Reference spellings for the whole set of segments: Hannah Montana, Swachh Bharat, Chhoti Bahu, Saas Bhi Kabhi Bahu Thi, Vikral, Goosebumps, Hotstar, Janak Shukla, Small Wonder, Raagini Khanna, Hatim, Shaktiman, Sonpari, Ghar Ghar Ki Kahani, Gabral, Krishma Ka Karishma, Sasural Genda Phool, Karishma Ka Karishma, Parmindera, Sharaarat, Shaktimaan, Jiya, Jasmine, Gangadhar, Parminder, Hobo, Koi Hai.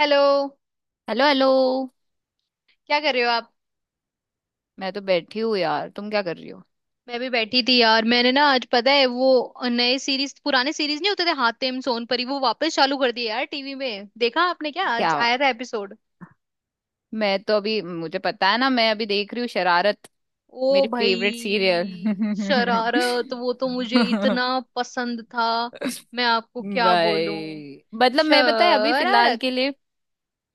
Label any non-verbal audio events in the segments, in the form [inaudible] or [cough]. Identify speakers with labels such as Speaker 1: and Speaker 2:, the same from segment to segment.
Speaker 1: Hello.
Speaker 2: Hello hello.
Speaker 1: क्या कर रहे हो आप?
Speaker 2: मैं तो बैठी हूँ यार, तुम क्या कर रही हो?
Speaker 1: मैं भी बैठी थी यार, मैंने ना आज पता है वो नए सीरीज पुराने सीरीज नहीं होते थे हातिम सोनपरी वो वापस चालू कर दिए। यार टीवी में देखा आपने? क्या आज
Speaker 2: क्या?
Speaker 1: आया था एपिसोड?
Speaker 2: मैं तो अभी, मुझे पता है ना, मैं अभी देख रही हूँ शरारत
Speaker 1: ओ
Speaker 2: मेरी फेवरेट सीरियल।
Speaker 1: भाई शरारत वो तो मुझे इतना
Speaker 2: [laughs]
Speaker 1: पसंद था। मैं आपको क्या बोलूं।
Speaker 2: भाई मतलब, मैं, पता है, अभी फिलहाल
Speaker 1: शरारत।
Speaker 2: के लिए,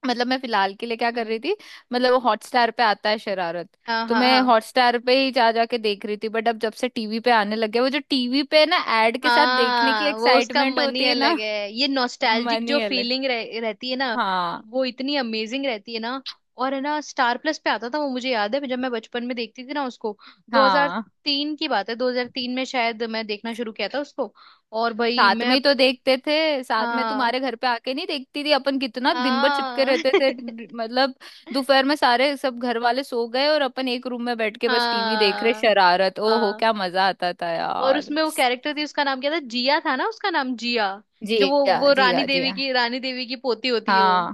Speaker 2: मतलब मैं फिलहाल के लिए क्या कर
Speaker 1: हम्म।
Speaker 2: रही थी, मतलब वो हॉटस्टार पे आता है शरारत,
Speaker 1: हाँ
Speaker 2: तो
Speaker 1: हाँ
Speaker 2: मैं
Speaker 1: हाँ।
Speaker 2: हॉटस्टार पे ही जा जा के देख रही थी। बट अब जब से टीवी पे आने लग गया वो, जो टीवी पे ना एड के साथ देखने की
Speaker 1: हाँ वो उसका
Speaker 2: एक्साइटमेंट
Speaker 1: मन ही
Speaker 2: होती है ना।
Speaker 1: अलग है। ये
Speaker 2: [laughs]
Speaker 1: नॉस्टैल्जिक
Speaker 2: मन
Speaker 1: जो
Speaker 2: ही अलग।
Speaker 1: फीलिंग रहती है ना,
Speaker 2: हाँ
Speaker 1: वो इतनी अमेजिंग रहती है ना। और है ना स्टार प्लस पे आता था, वो मुझे याद है जब मैं बचपन में देखती थी ना उसको।
Speaker 2: हाँ।
Speaker 1: 2003 की बात है, 2003 में शायद मैं देखना शुरू किया था उसको। और भाई
Speaker 2: साथ में
Speaker 1: मैं।
Speaker 2: ही तो देखते थे, साथ में
Speaker 1: हाँ
Speaker 2: तुम्हारे घर पे आके नहीं देखती थी अपन? कितना दिन भर चिपके
Speaker 1: हाँ।
Speaker 2: रहते थे।
Speaker 1: [laughs]
Speaker 2: मतलब दोपहर में सारे सब घर वाले सो गए और अपन एक रूम में बैठ के बस टीवी देख रहे
Speaker 1: हाँ
Speaker 2: शरारत, ओहो
Speaker 1: हाँ।
Speaker 2: क्या मजा आता था
Speaker 1: और
Speaker 2: यार।
Speaker 1: उसमें वो कैरेक्टर थी, उसका नाम क्या था, जिया था ना उसका नाम, जिया।
Speaker 2: जी
Speaker 1: जो वो
Speaker 2: हाँ
Speaker 1: वो
Speaker 2: जी
Speaker 1: रानी
Speaker 2: हाँ जी
Speaker 1: देवी
Speaker 2: हाँ
Speaker 1: की रानी देवी की पोती होती है वो।
Speaker 2: हाँ,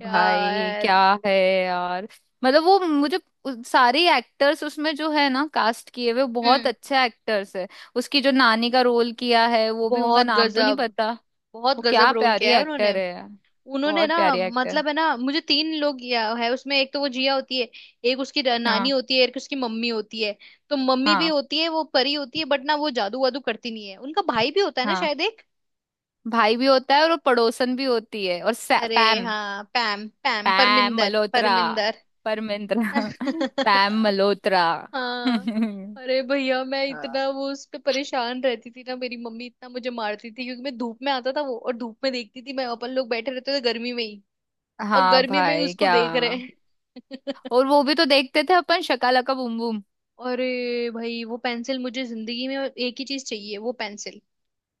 Speaker 2: भाई
Speaker 1: यार।
Speaker 2: क्या है यार। मतलब वो मुझे, सारे एक्टर्स उसमें जो है ना कास्ट किए हुए, बहुत
Speaker 1: हम्म।
Speaker 2: अच्छे एक्टर्स है। उसकी जो नानी का रोल किया है वो भी, उनका
Speaker 1: बहुत
Speaker 2: नाम तो नहीं
Speaker 1: गजब।
Speaker 2: पता।
Speaker 1: बहुत
Speaker 2: वो क्या
Speaker 1: गजब रोल किया
Speaker 2: प्यारी
Speaker 1: है उन्होंने।
Speaker 2: एक्टर है यार,
Speaker 1: उन्होंने
Speaker 2: बहुत
Speaker 1: ना,
Speaker 2: प्यारी एक्टर।
Speaker 1: मतलब है ना, मुझे तीन लोग या है उसमें। एक तो वो जिया होती है, एक उसकी नानी
Speaker 2: हाँ
Speaker 1: होती है, एक उसकी मम्मी होती है। तो मम्मी भी
Speaker 2: हाँ
Speaker 1: होती है, वो परी होती है बट ना वो जादू वादू करती नहीं है। उनका भाई भी होता है ना
Speaker 2: हाँ,
Speaker 1: शायद एक।
Speaker 2: भाई भी होता है और वो पड़ोसन भी होती है, और
Speaker 1: अरे
Speaker 2: पैम,
Speaker 1: हाँ, Pam Pam,
Speaker 2: Pam
Speaker 1: Parminder
Speaker 2: Malhotra,
Speaker 1: Parminder.
Speaker 2: परमिंद्रा। [laughs] पैम
Speaker 1: [laughs]
Speaker 2: Malhotra. [laughs]
Speaker 1: हाँ। अरे भैया मैं इतना वो उस पे परेशान रहती थी ना, मेरी मम्मी इतना मुझे मारती थी क्योंकि मैं धूप में आता था वो और धूप में देखती थी मैं। अपन लोग बैठे रहते थे गर्मी में ही, और
Speaker 2: हाँ
Speaker 1: गर्मी में ही
Speaker 2: भाई
Speaker 1: उसको
Speaker 2: क्या।
Speaker 1: देख रहे हैं।
Speaker 2: और
Speaker 1: [laughs]
Speaker 2: वो भी तो देखते थे अपन शकालका बूम बूम।
Speaker 1: अरे भाई वो पेंसिल, मुझे जिंदगी में एक ही चीज चाहिए, वो पेंसिल।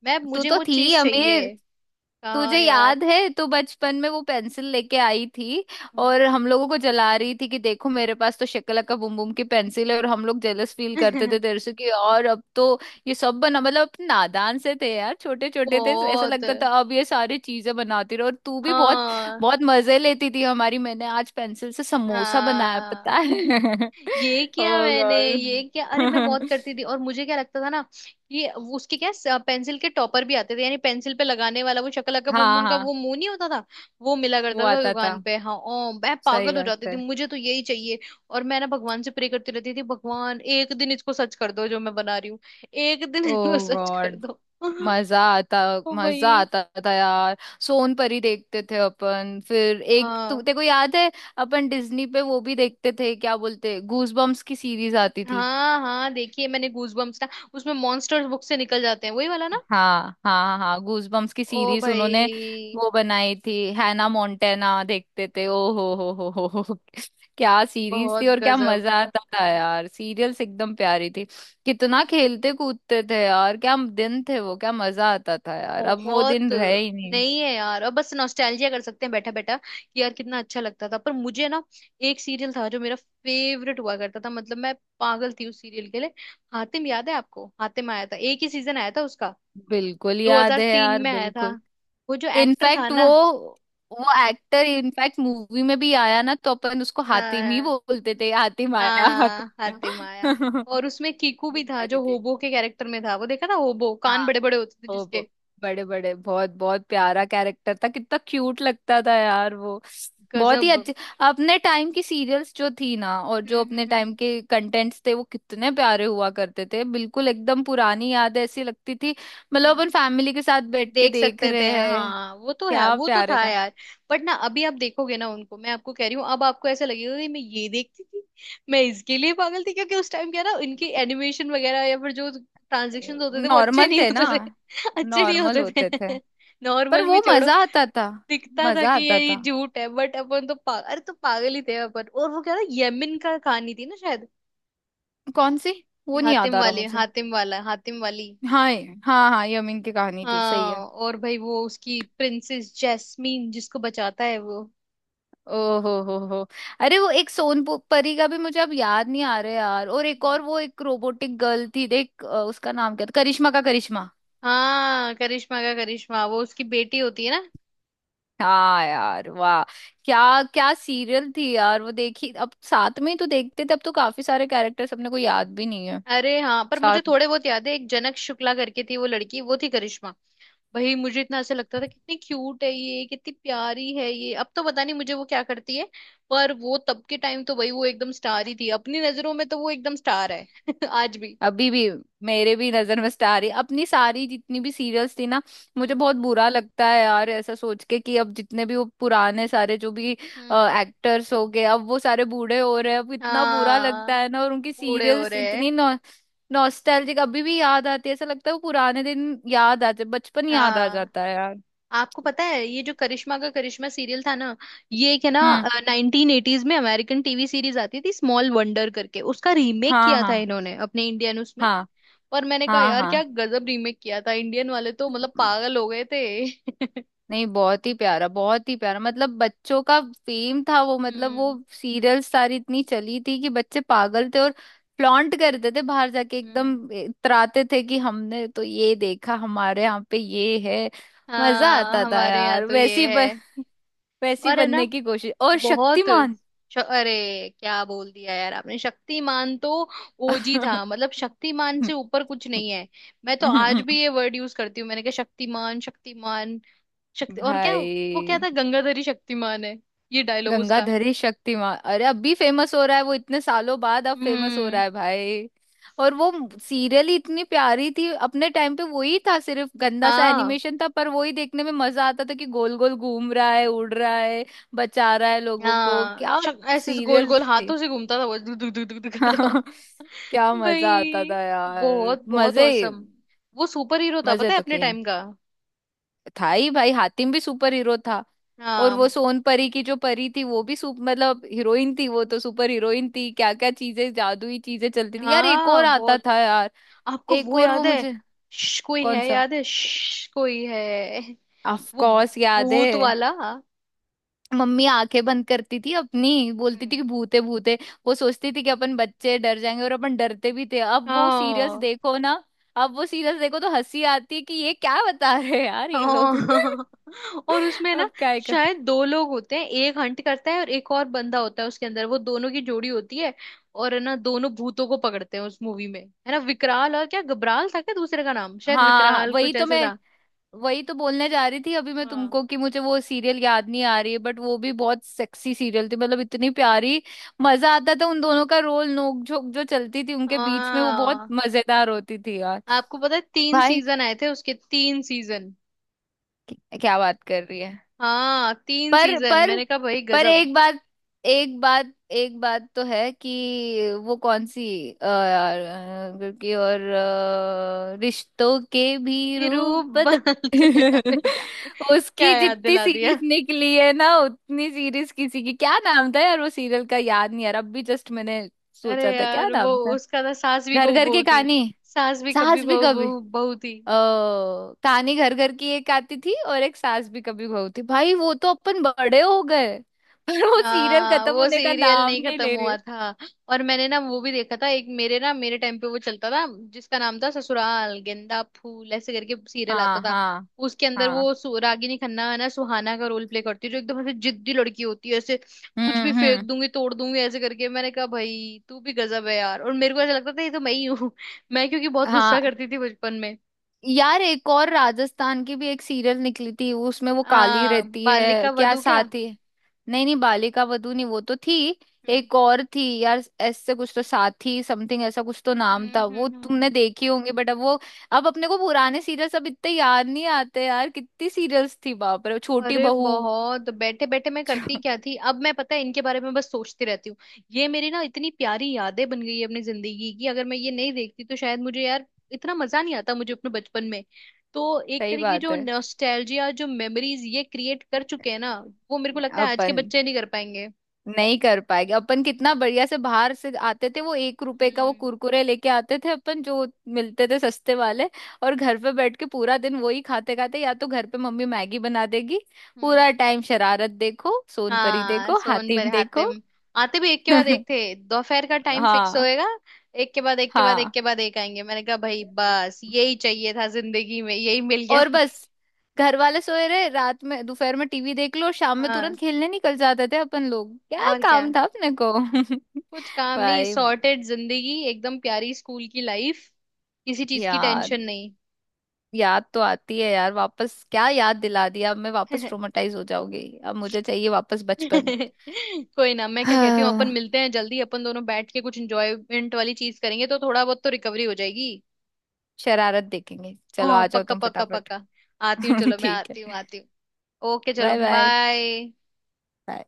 Speaker 1: मैं,
Speaker 2: तू
Speaker 1: मुझे
Speaker 2: तो
Speaker 1: वो
Speaker 2: थी
Speaker 1: चीज
Speaker 2: अमीर।
Speaker 1: चाहिए। कहाँ
Speaker 2: तुझे
Speaker 1: यार।
Speaker 2: याद है तो, बचपन में वो पेंसिल लेके आई थी और हम लोगों को जला रही थी कि देखो मेरे पास तो शक्लका बुम बुम की पेंसिल है, और हम लोग जेलस फील करते थे
Speaker 1: [laughs]
Speaker 2: तेरे से कि। और अब तो ये सब बना, मतलब अपने नादान से थे यार, छोटे छोटे थे, ऐसा
Speaker 1: बहुत।
Speaker 2: लगता था अब ये सारी चीजें बनाती रहो। और तू भी बहुत
Speaker 1: हाँ
Speaker 2: बहुत मजे लेती थी हमारी, मैंने आज पेंसिल से समोसा बनाया पता
Speaker 1: हाँ।
Speaker 2: है।
Speaker 1: ये
Speaker 2: [laughs]
Speaker 1: किया
Speaker 2: ओ
Speaker 1: मैंने, ये क्या। अरे मैं
Speaker 2: गॉड।
Speaker 1: बहुत करती
Speaker 2: [laughs]
Speaker 1: थी, और मुझे क्या लगता था ना कि उसके क्या पेंसिल के टॉपर भी आते थे, यानी पेंसिल पे लगाने वाला वो शक्ल का बूम
Speaker 2: हाँ
Speaker 1: बूम का
Speaker 2: हाँ,
Speaker 1: वो मुंह नहीं होता था वो मिला
Speaker 2: वो
Speaker 1: करता था
Speaker 2: आता था,
Speaker 1: दुकान पे। हाँ ओ मैं
Speaker 2: सही
Speaker 1: पागल हो
Speaker 2: बात
Speaker 1: जाती थी,
Speaker 2: है।
Speaker 1: मुझे तो यही चाहिए। और मैं ना भगवान से प्रे करती रहती थी, भगवान एक दिन इसको सच कर दो जो मैं बना रही हूँ, एक दिन
Speaker 2: ओ
Speaker 1: इसको सच कर
Speaker 2: गॉड,
Speaker 1: दो। [laughs]
Speaker 2: मजा आता,
Speaker 1: ओ
Speaker 2: मजा
Speaker 1: भाई।
Speaker 2: आता था यार। सोनपरी देखते थे अपन, फिर एक
Speaker 1: हाँ
Speaker 2: तेरे को याद है अपन डिज्नी पे वो भी देखते थे, क्या बोलते, गूज बम्स की सीरीज आती थी।
Speaker 1: हाँ। हाँ देखिए, मैंने गूज बम्स ना, उसमें मॉन्स्टर्स बुक से निकल जाते हैं वही वाला ना।
Speaker 2: हाँ हाँ हाँ, गूज बम्स की
Speaker 1: ओ
Speaker 2: सीरीज
Speaker 1: भाई।
Speaker 2: उन्होंने वो बनाई थी। हैना मोंटेना देखते थे, ओ हो, क्या सीरीज थी,
Speaker 1: बहुत
Speaker 2: और क्या
Speaker 1: गजब।
Speaker 2: मजा आता था यार। सीरियल्स एकदम प्यारी थी, कितना खेलते कूदते थे यार, क्या दिन थे वो, क्या मजा आता था यार, अब वो
Speaker 1: बहुत।
Speaker 2: दिन रहे ही।
Speaker 1: नहीं है यार अब, बस नॉस्टैल्जिया कर सकते हैं बैठा बैठा कि यार कितना अच्छा लगता था। पर मुझे ना एक सीरियल था जो मेरा फेवरेट हुआ करता था, मतलब मैं पागल थी उस सीरियल के लिए। हातिम, याद है आपको हातिम? आया था एक ही सीजन आया था उसका,
Speaker 2: बिल्कुल याद है
Speaker 1: 2003
Speaker 2: यार,
Speaker 1: में आया था।
Speaker 2: बिल्कुल।
Speaker 1: वो जो एक्टर था
Speaker 2: इनफैक्ट वो
Speaker 1: ना।
Speaker 2: वो एक्टर इनफैक्ट मूवी में भी आया ना, तो अपन उसको हातिम ही
Speaker 1: हाँ।
Speaker 2: बोलते थे, हातिम आया
Speaker 1: हाँ
Speaker 2: हातिम
Speaker 1: हातिम
Speaker 2: आया।
Speaker 1: आया।
Speaker 2: [laughs]
Speaker 1: और उसमें कीकू
Speaker 2: ये
Speaker 1: भी था
Speaker 2: सारी
Speaker 1: जो
Speaker 2: थी।
Speaker 1: होबो के कैरेक्टर में था, वो देखा था होबो? कान
Speaker 2: हाँ।
Speaker 1: बड़े बड़े होते थे
Speaker 2: ओ,
Speaker 1: जिसके।
Speaker 2: बड़े बड़े, बहुत बहुत प्यारा कैरेक्टर था, कितना क्यूट लगता था यार वो, बहुत ही
Speaker 1: गजब।
Speaker 2: अच्छे। अपने टाइम की सीरियल्स जो थी ना और जो अपने टाइम
Speaker 1: हम्म।
Speaker 2: के कंटेंट्स थे वो कितने प्यारे हुआ करते थे, बिल्कुल एकदम पुरानी याद ऐसी लगती थी, मतलब
Speaker 1: हम्म
Speaker 2: अपन फैमिली के साथ बैठ के
Speaker 1: देख
Speaker 2: देख
Speaker 1: सकते थे,
Speaker 2: रहे हैं।
Speaker 1: हाँ वो तो है,
Speaker 2: क्या
Speaker 1: वो तो
Speaker 2: प्यारे
Speaker 1: था
Speaker 2: का।
Speaker 1: यार। बट ना अभी आप देखोगे ना उनको, मैं आपको कह रही हूँ अब आपको ऐसा लगेगा कि मैं ये देखती थी, मैं इसके लिए पागल थी, क्योंकि उस टाइम क्या ना इनकी एनिमेशन वगैरह या फिर जो ट्रांजेक्शन होते थे वो अच्छे
Speaker 2: नॉर्मल
Speaker 1: नहीं
Speaker 2: थे ना,
Speaker 1: होते थे। [laughs] अच्छे नहीं
Speaker 2: नॉर्मल
Speaker 1: होते
Speaker 2: होते थे,
Speaker 1: थे। [laughs]
Speaker 2: पर
Speaker 1: नॉर्मल भी
Speaker 2: वो
Speaker 1: छोड़ो,
Speaker 2: मजा आता था,
Speaker 1: दिखता था
Speaker 2: मजा
Speaker 1: कि
Speaker 2: आता
Speaker 1: ये
Speaker 2: था।
Speaker 1: झूठ है, बट अपन तो पागल, अरे तो पागल ही थे अपन। और वो क्या था, यमन का कहानी थी ना शायद।
Speaker 2: कौन सी? वो नहीं याद
Speaker 1: हातिम
Speaker 2: आ रहा
Speaker 1: वाले,
Speaker 2: मुझे।
Speaker 1: हातिम वाला, हातिम वाली।
Speaker 2: हाँ हाँ हाँ, यमीन की कहानी थी, सही है।
Speaker 1: हाँ। और भाई वो उसकी प्रिंसेस जैस्मीन जिसको बचाता है वो।
Speaker 2: ओहो हो, अरे वो एक सोनपरी का भी मुझे अब याद नहीं आ रहा है यार, और एक और
Speaker 1: हम्म।
Speaker 2: वो एक रोबोटिक गर्ल थी, देख, उसका नाम क्या था, करिश्मा का करिश्मा।
Speaker 1: हाँ करिश्मा का करिश्मा, वो उसकी बेटी होती है ना।
Speaker 2: हाँ यार वाह, क्या क्या सीरियल थी यार, वो देखी, अब साथ में ही तो देखते थे, अब तो काफी सारे कैरेक्टर्स अपने को याद भी नहीं है।
Speaker 1: अरे हाँ, पर
Speaker 2: साथ।
Speaker 1: मुझे थोड़े बहुत याद है। एक जनक शुक्ला करके थी वो लड़की, वो थी करिश्मा। भाई मुझे इतना ऐसा लगता था कितनी क्यूट है ये, कितनी प्यारी है ये। अब तो पता नहीं मुझे वो क्या करती है, पर वो तब के टाइम तो भाई वो एकदम स्टार ही थी। अपनी नजरों में तो वो एकदम स्टार है। [laughs] आज भी।
Speaker 2: अभी भी मेरे भी नजर में स्टार ही, अपनी सारी जितनी भी सीरियल्स थी ना। मुझे
Speaker 1: हम्म
Speaker 2: बहुत बुरा लगता है यार, ऐसा सोच के कि अब जितने भी वो पुराने सारे, जो भी
Speaker 1: हम्म।
Speaker 2: एक्टर्स हो गए, अब वो सारे बूढ़े हो रहे हैं, अब इतना बुरा लगता
Speaker 1: हाँ
Speaker 2: है ना, और उनकी
Speaker 1: बूढ़े हो
Speaker 2: सीरियल्स
Speaker 1: रहे हैं।
Speaker 2: इतनी नॉ नॉस्टैल्जिक अभी भी याद आती है, ऐसा लगता है वो पुराने दिन याद आते, बचपन याद आ
Speaker 1: हाँ
Speaker 2: जाता है यार।
Speaker 1: आपको पता है ये जो करिश्मा का करिश्मा सीरियल था ना, ये एक है ना
Speaker 2: हम्म,
Speaker 1: नाइनटीन एटीज में अमेरिकन टीवी सीरीज आती थी स्मॉल वंडर करके, उसका रीमेक
Speaker 2: हाँ
Speaker 1: किया था
Speaker 2: हाँ
Speaker 1: इन्होंने अपने इंडियन उसमें।
Speaker 2: हाँ,
Speaker 1: और मैंने कहा यार क्या
Speaker 2: हाँ
Speaker 1: गजब रीमेक किया था, इंडियन वाले तो मतलब
Speaker 2: हाँ।
Speaker 1: पागल हो गए थे। [laughs]
Speaker 2: नहीं, बहुत ही प्यारा, बहुत ही प्यारा, मतलब बच्चों का फेम था वो, मतलब वो
Speaker 1: हम्म
Speaker 2: सीरियल सारी इतनी चली थी कि बच्चे पागल थे, और फ्लॉन्ट करते थे, बाहर जाके एकदम
Speaker 1: हम्म।
Speaker 2: इतराते थे कि हमने तो ये देखा, हमारे यहाँ पे ये है। मजा
Speaker 1: हाँ
Speaker 2: आता था
Speaker 1: हमारे यहाँ
Speaker 2: यार,
Speaker 1: तो ये है।
Speaker 2: [laughs] वैसी
Speaker 1: और है
Speaker 2: बनने
Speaker 1: ना,
Speaker 2: की कोशिश, और
Speaker 1: बहुत,
Speaker 2: शक्तिमान।
Speaker 1: श-, अरे क्या बोल दिया यार आपने, शक्तिमान तो ओजी था, मतलब शक्तिमान से ऊपर कुछ नहीं है।
Speaker 2: [laughs]
Speaker 1: मैं तो आज भी ये वर्ड यूज करती हूँ, मैंने कहा शक्तिमान शक्तिमान, शक्ति। और क्या वो क्या
Speaker 2: भाई,
Speaker 1: था, गंगाधरी शक्तिमान है, ये डायलॉग उसका।
Speaker 2: गंगाधरी शक्तिमान, अरे अब भी फेमस हो रहा है वो, इतने सालों बाद अब फेमस हो
Speaker 1: हम्म।
Speaker 2: रहा है भाई। और वो सीरियल ही इतनी प्यारी थी अपने टाइम पे, वही था सिर्फ, गंदा सा
Speaker 1: हाँ
Speaker 2: एनिमेशन था, पर वही देखने में मजा आता था कि गोल गोल घूम रहा है, उड़ रहा है, बचा रहा है लोगों को,
Speaker 1: हाँ
Speaker 2: क्या
Speaker 1: ऐसे ऐसे गोल
Speaker 2: सीरियल
Speaker 1: गोल
Speaker 2: थी।
Speaker 1: हाथों से घूमता था वो, दुक दुक दुक दुक दुक करता हुआ।
Speaker 2: [laughs] क्या मजा आता
Speaker 1: भाई
Speaker 2: था यार,
Speaker 1: बहुत बहुत औसम, वो सुपर हीरो था
Speaker 2: मजे
Speaker 1: पता है
Speaker 2: तो
Speaker 1: अपने
Speaker 2: किए,
Speaker 1: टाइम का।
Speaker 2: था ही भाई, हातिम भी सुपर हीरो था। और
Speaker 1: हाँ।
Speaker 2: वो सोन परी की जो परी थी वो भी सुप मतलब हीरोइन थी वो, तो सुपर हीरोइन थी, क्या क्या चीजें, जादुई चीजें चलती थी यार, एक और
Speaker 1: हाँ
Speaker 2: आता
Speaker 1: बहुत।
Speaker 2: था यार,
Speaker 1: आपको
Speaker 2: एक
Speaker 1: वो
Speaker 2: और वो
Speaker 1: याद है,
Speaker 2: मुझे,
Speaker 1: कोई
Speaker 2: कौन
Speaker 1: है,
Speaker 2: सा?
Speaker 1: याद है, कोई है,
Speaker 2: ऑफ
Speaker 1: वो
Speaker 2: कोर्स याद है।
Speaker 1: भूत वाला। हम्म।
Speaker 2: मम्मी आंखें बंद करती थी अपनी, बोलती थी कि भूते भूते, वो सोचती थी कि अपन बच्चे डर जाएंगे और अपन डरते भी थे, अब वो सीरियस
Speaker 1: हाँ।
Speaker 2: देखो ना, अब वो सीरियस देखो तो हंसी आती है कि ये क्या बता रहे हैं यार ये लोग। [laughs]
Speaker 1: हाँ। [laughs] और उसमें ना
Speaker 2: अब क्या है कर...
Speaker 1: शायद दो लोग होते हैं, एक हंट करता है और एक और बंदा होता है उसके अंदर, वो दोनों की जोड़ी होती है। और है ना दोनों भूतों को पकड़ते हैं उस मूवी में। है ना विकराल, और क्या गबराल था क्या दूसरे का नाम,
Speaker 2: हाँ
Speaker 1: शायद
Speaker 2: हाँ, हाँ,
Speaker 1: विकराल
Speaker 2: वही
Speaker 1: कुछ
Speaker 2: तो
Speaker 1: ऐसे
Speaker 2: मैं,
Speaker 1: था।
Speaker 2: वही तो बोलने जा रही थी अभी मैं
Speaker 1: हाँ
Speaker 2: तुमको कि मुझे वो सीरियल याद नहीं आ रही है, बट वो भी बहुत सेक्सी सीरियल थी, मतलब इतनी प्यारी, मजा आता था उन दोनों का रोल, नोक झोंक जो चलती थी उनके बीच में, वो बहुत
Speaker 1: हाँ।
Speaker 2: मजेदार होती थी यार।
Speaker 1: आपको पता है तीन
Speaker 2: भाई
Speaker 1: सीजन आए थे उसके, तीन सीजन।
Speaker 2: क्या बात कर रही है।
Speaker 1: हाँ तीन
Speaker 2: पर
Speaker 1: सीजन,
Speaker 2: पर
Speaker 1: मैंने कहा भाई
Speaker 2: पर
Speaker 1: गजब।
Speaker 2: एक बात, एक बात, एक बात तो है कि, वो कौन सी, यार क्योंकि और रिश्तों के भी
Speaker 1: ये
Speaker 2: रूप
Speaker 1: रूप [laughs]
Speaker 2: बदल।
Speaker 1: बदलते हैं, अरे
Speaker 2: [laughs]
Speaker 1: यार क्या
Speaker 2: उसकी
Speaker 1: याद
Speaker 2: जितनी
Speaker 1: दिला
Speaker 2: सीरीज
Speaker 1: दिया।
Speaker 2: निकली है ना उतनी सीरीज किसी की, क्या नाम था यार वो सीरियल का, याद नहीं यार अब भी, जस्ट मैंने
Speaker 1: अरे
Speaker 2: सोचा था क्या
Speaker 1: यार वो
Speaker 2: नाम था।
Speaker 1: उसका था, सास भी
Speaker 2: घर
Speaker 1: बहू
Speaker 2: घर की
Speaker 1: बहू थी,
Speaker 2: कहानी,
Speaker 1: सास भी कभी
Speaker 2: सास भी
Speaker 1: बहू
Speaker 2: कभी,
Speaker 1: बहू बहू थी।
Speaker 2: ओ, कहानी घर घर की एक आती थी और एक सास भी कभी बहू थी, भाई वो तो अपन बड़े हो गए, पर वो सीरियल
Speaker 1: हाँ
Speaker 2: खत्म
Speaker 1: वो
Speaker 2: होने का
Speaker 1: सीरियल
Speaker 2: नाम
Speaker 1: नहीं
Speaker 2: नहीं
Speaker 1: खत्म
Speaker 2: ले रही
Speaker 1: हुआ
Speaker 2: है।
Speaker 1: था, और मैंने ना वो भी देखा था। एक मेरे टाइम पे वो चलता था जिसका नाम था ससुराल गेंदा फूल, ऐसे करके सीरियल आता
Speaker 2: हाँ
Speaker 1: था।
Speaker 2: हाँ
Speaker 1: उसके अंदर
Speaker 2: हाँ,
Speaker 1: वो रागिनी खन्ना है ना सुहाना का रोल प्ले करती है, जो एकदम ऐसे जिद्दी लड़की होती है, ऐसे कुछ भी फेंक
Speaker 2: हम्म,
Speaker 1: दूंगी तोड़ दूंगी ऐसे करके। मैंने कहा भाई तू भी गजब है यार। और मेरे को ऐसा लगता था ये तो मैं ही हूँ। [laughs] मैं क्योंकि बहुत गुस्सा
Speaker 2: हाँ
Speaker 1: करती थी बचपन में।
Speaker 2: यार एक और राजस्थान की भी एक सीरियल निकली थी उसमें वो काली
Speaker 1: हाँ
Speaker 2: रहती है,
Speaker 1: बालिका
Speaker 2: क्या
Speaker 1: वधू क्या।
Speaker 2: साथी? नहीं नहीं, बालिका वधू नहीं वो तो थी,
Speaker 1: हम्म
Speaker 2: एक और थी यार ऐसे कुछ तो, साथी समथिंग ऐसा कुछ तो नाम था, वो
Speaker 1: हम्म।
Speaker 2: तुमने देखी होंगी, बट अब वो, अब अपने को पुराने सीरियल सब इतने याद नहीं आते यार, कितनी सीरियल्स थी बाप रे, छोटी
Speaker 1: अरे
Speaker 2: बहू।
Speaker 1: बहुत बैठे बैठे मैं करती क्या थी अब, मैं पता है इनके बारे में बस सोचती रहती हूँ। ये मेरी ना इतनी प्यारी यादें बन गई है अपनी जिंदगी की, अगर मैं ये नहीं देखती तो शायद मुझे यार इतना मजा नहीं आता मुझे अपने बचपन में। तो एक
Speaker 2: सही
Speaker 1: तरीके की
Speaker 2: बात
Speaker 1: जो
Speaker 2: है।
Speaker 1: नॉस्टैल्जिया, जो मेमोरीज ये क्रिएट कर चुके हैं ना, वो मेरे को लगता है आज के
Speaker 2: अपन
Speaker 1: बच्चे नहीं कर पाएंगे।
Speaker 2: नहीं कर पाएंगे, अपन कितना बढ़िया से बाहर से आते थे, वो एक रुपए का वो
Speaker 1: हम्म
Speaker 2: कुरकुरे लेके आते थे अपन, जो मिलते थे सस्ते वाले। और घर पे बैठ के पूरा दिन वही खाते खाते, या तो घर पे मम्मी मैगी बना देगी,
Speaker 1: हम्म।
Speaker 2: पूरा टाइम शरारत देखो, सोनपरी
Speaker 1: हाँ
Speaker 2: देखो,
Speaker 1: सोन पर
Speaker 2: हातिम
Speaker 1: हातिम,
Speaker 2: देखो।
Speaker 1: आते भी एक के बाद एक
Speaker 2: [laughs]
Speaker 1: थे, दोपहर का टाइम फिक्स
Speaker 2: हाँ
Speaker 1: होएगा, एक के बाद एक के बाद एक
Speaker 2: हाँ।
Speaker 1: के बाद एक आएंगे। मैंने कहा भाई बस यही चाहिए था जिंदगी में, यही मिल गया।
Speaker 2: और बस घर वाले सोए रहे रात में, दोपहर में टीवी देख लो, शाम
Speaker 1: [laughs]
Speaker 2: में
Speaker 1: हाँ,
Speaker 2: तुरंत खेलने निकल जाते थे अपन लोग, क्या
Speaker 1: और क्या।
Speaker 2: काम था अपने को।
Speaker 1: कुछ
Speaker 2: [laughs]
Speaker 1: काम नहीं,
Speaker 2: भाई,
Speaker 1: सॉर्टेड जिंदगी एकदम प्यारी स्कूल की लाइफ, किसी चीज की
Speaker 2: यार
Speaker 1: टेंशन नहीं।
Speaker 2: याद तो आती है यार वापस, क्या याद दिला दिया, अब मैं वापस
Speaker 1: [laughs]
Speaker 2: ट्रोमेटाइज हो जाऊंगी, अब मुझे चाहिए वापस बचपन।
Speaker 1: कोई ना, मैं क्या कहती हूँ, अपन
Speaker 2: हाँ
Speaker 1: मिलते हैं जल्दी, अपन दोनों बैठ के कुछ एंजॉयमेंट वाली चीज करेंगे, तो थोड़ा बहुत तो रिकवरी हो जाएगी।
Speaker 2: शरारत देखेंगे, चलो
Speaker 1: हाँ
Speaker 2: आ जाओ
Speaker 1: पक्का
Speaker 2: तुम
Speaker 1: पक्का
Speaker 2: फटाफट।
Speaker 1: पक्का। आती हूँ,
Speaker 2: [laughs]
Speaker 1: चलो मैं
Speaker 2: ठीक
Speaker 1: आती हूँ,
Speaker 2: है।
Speaker 1: आती हूँ। ओके चलो
Speaker 2: बाय
Speaker 1: बाय।
Speaker 2: बाय।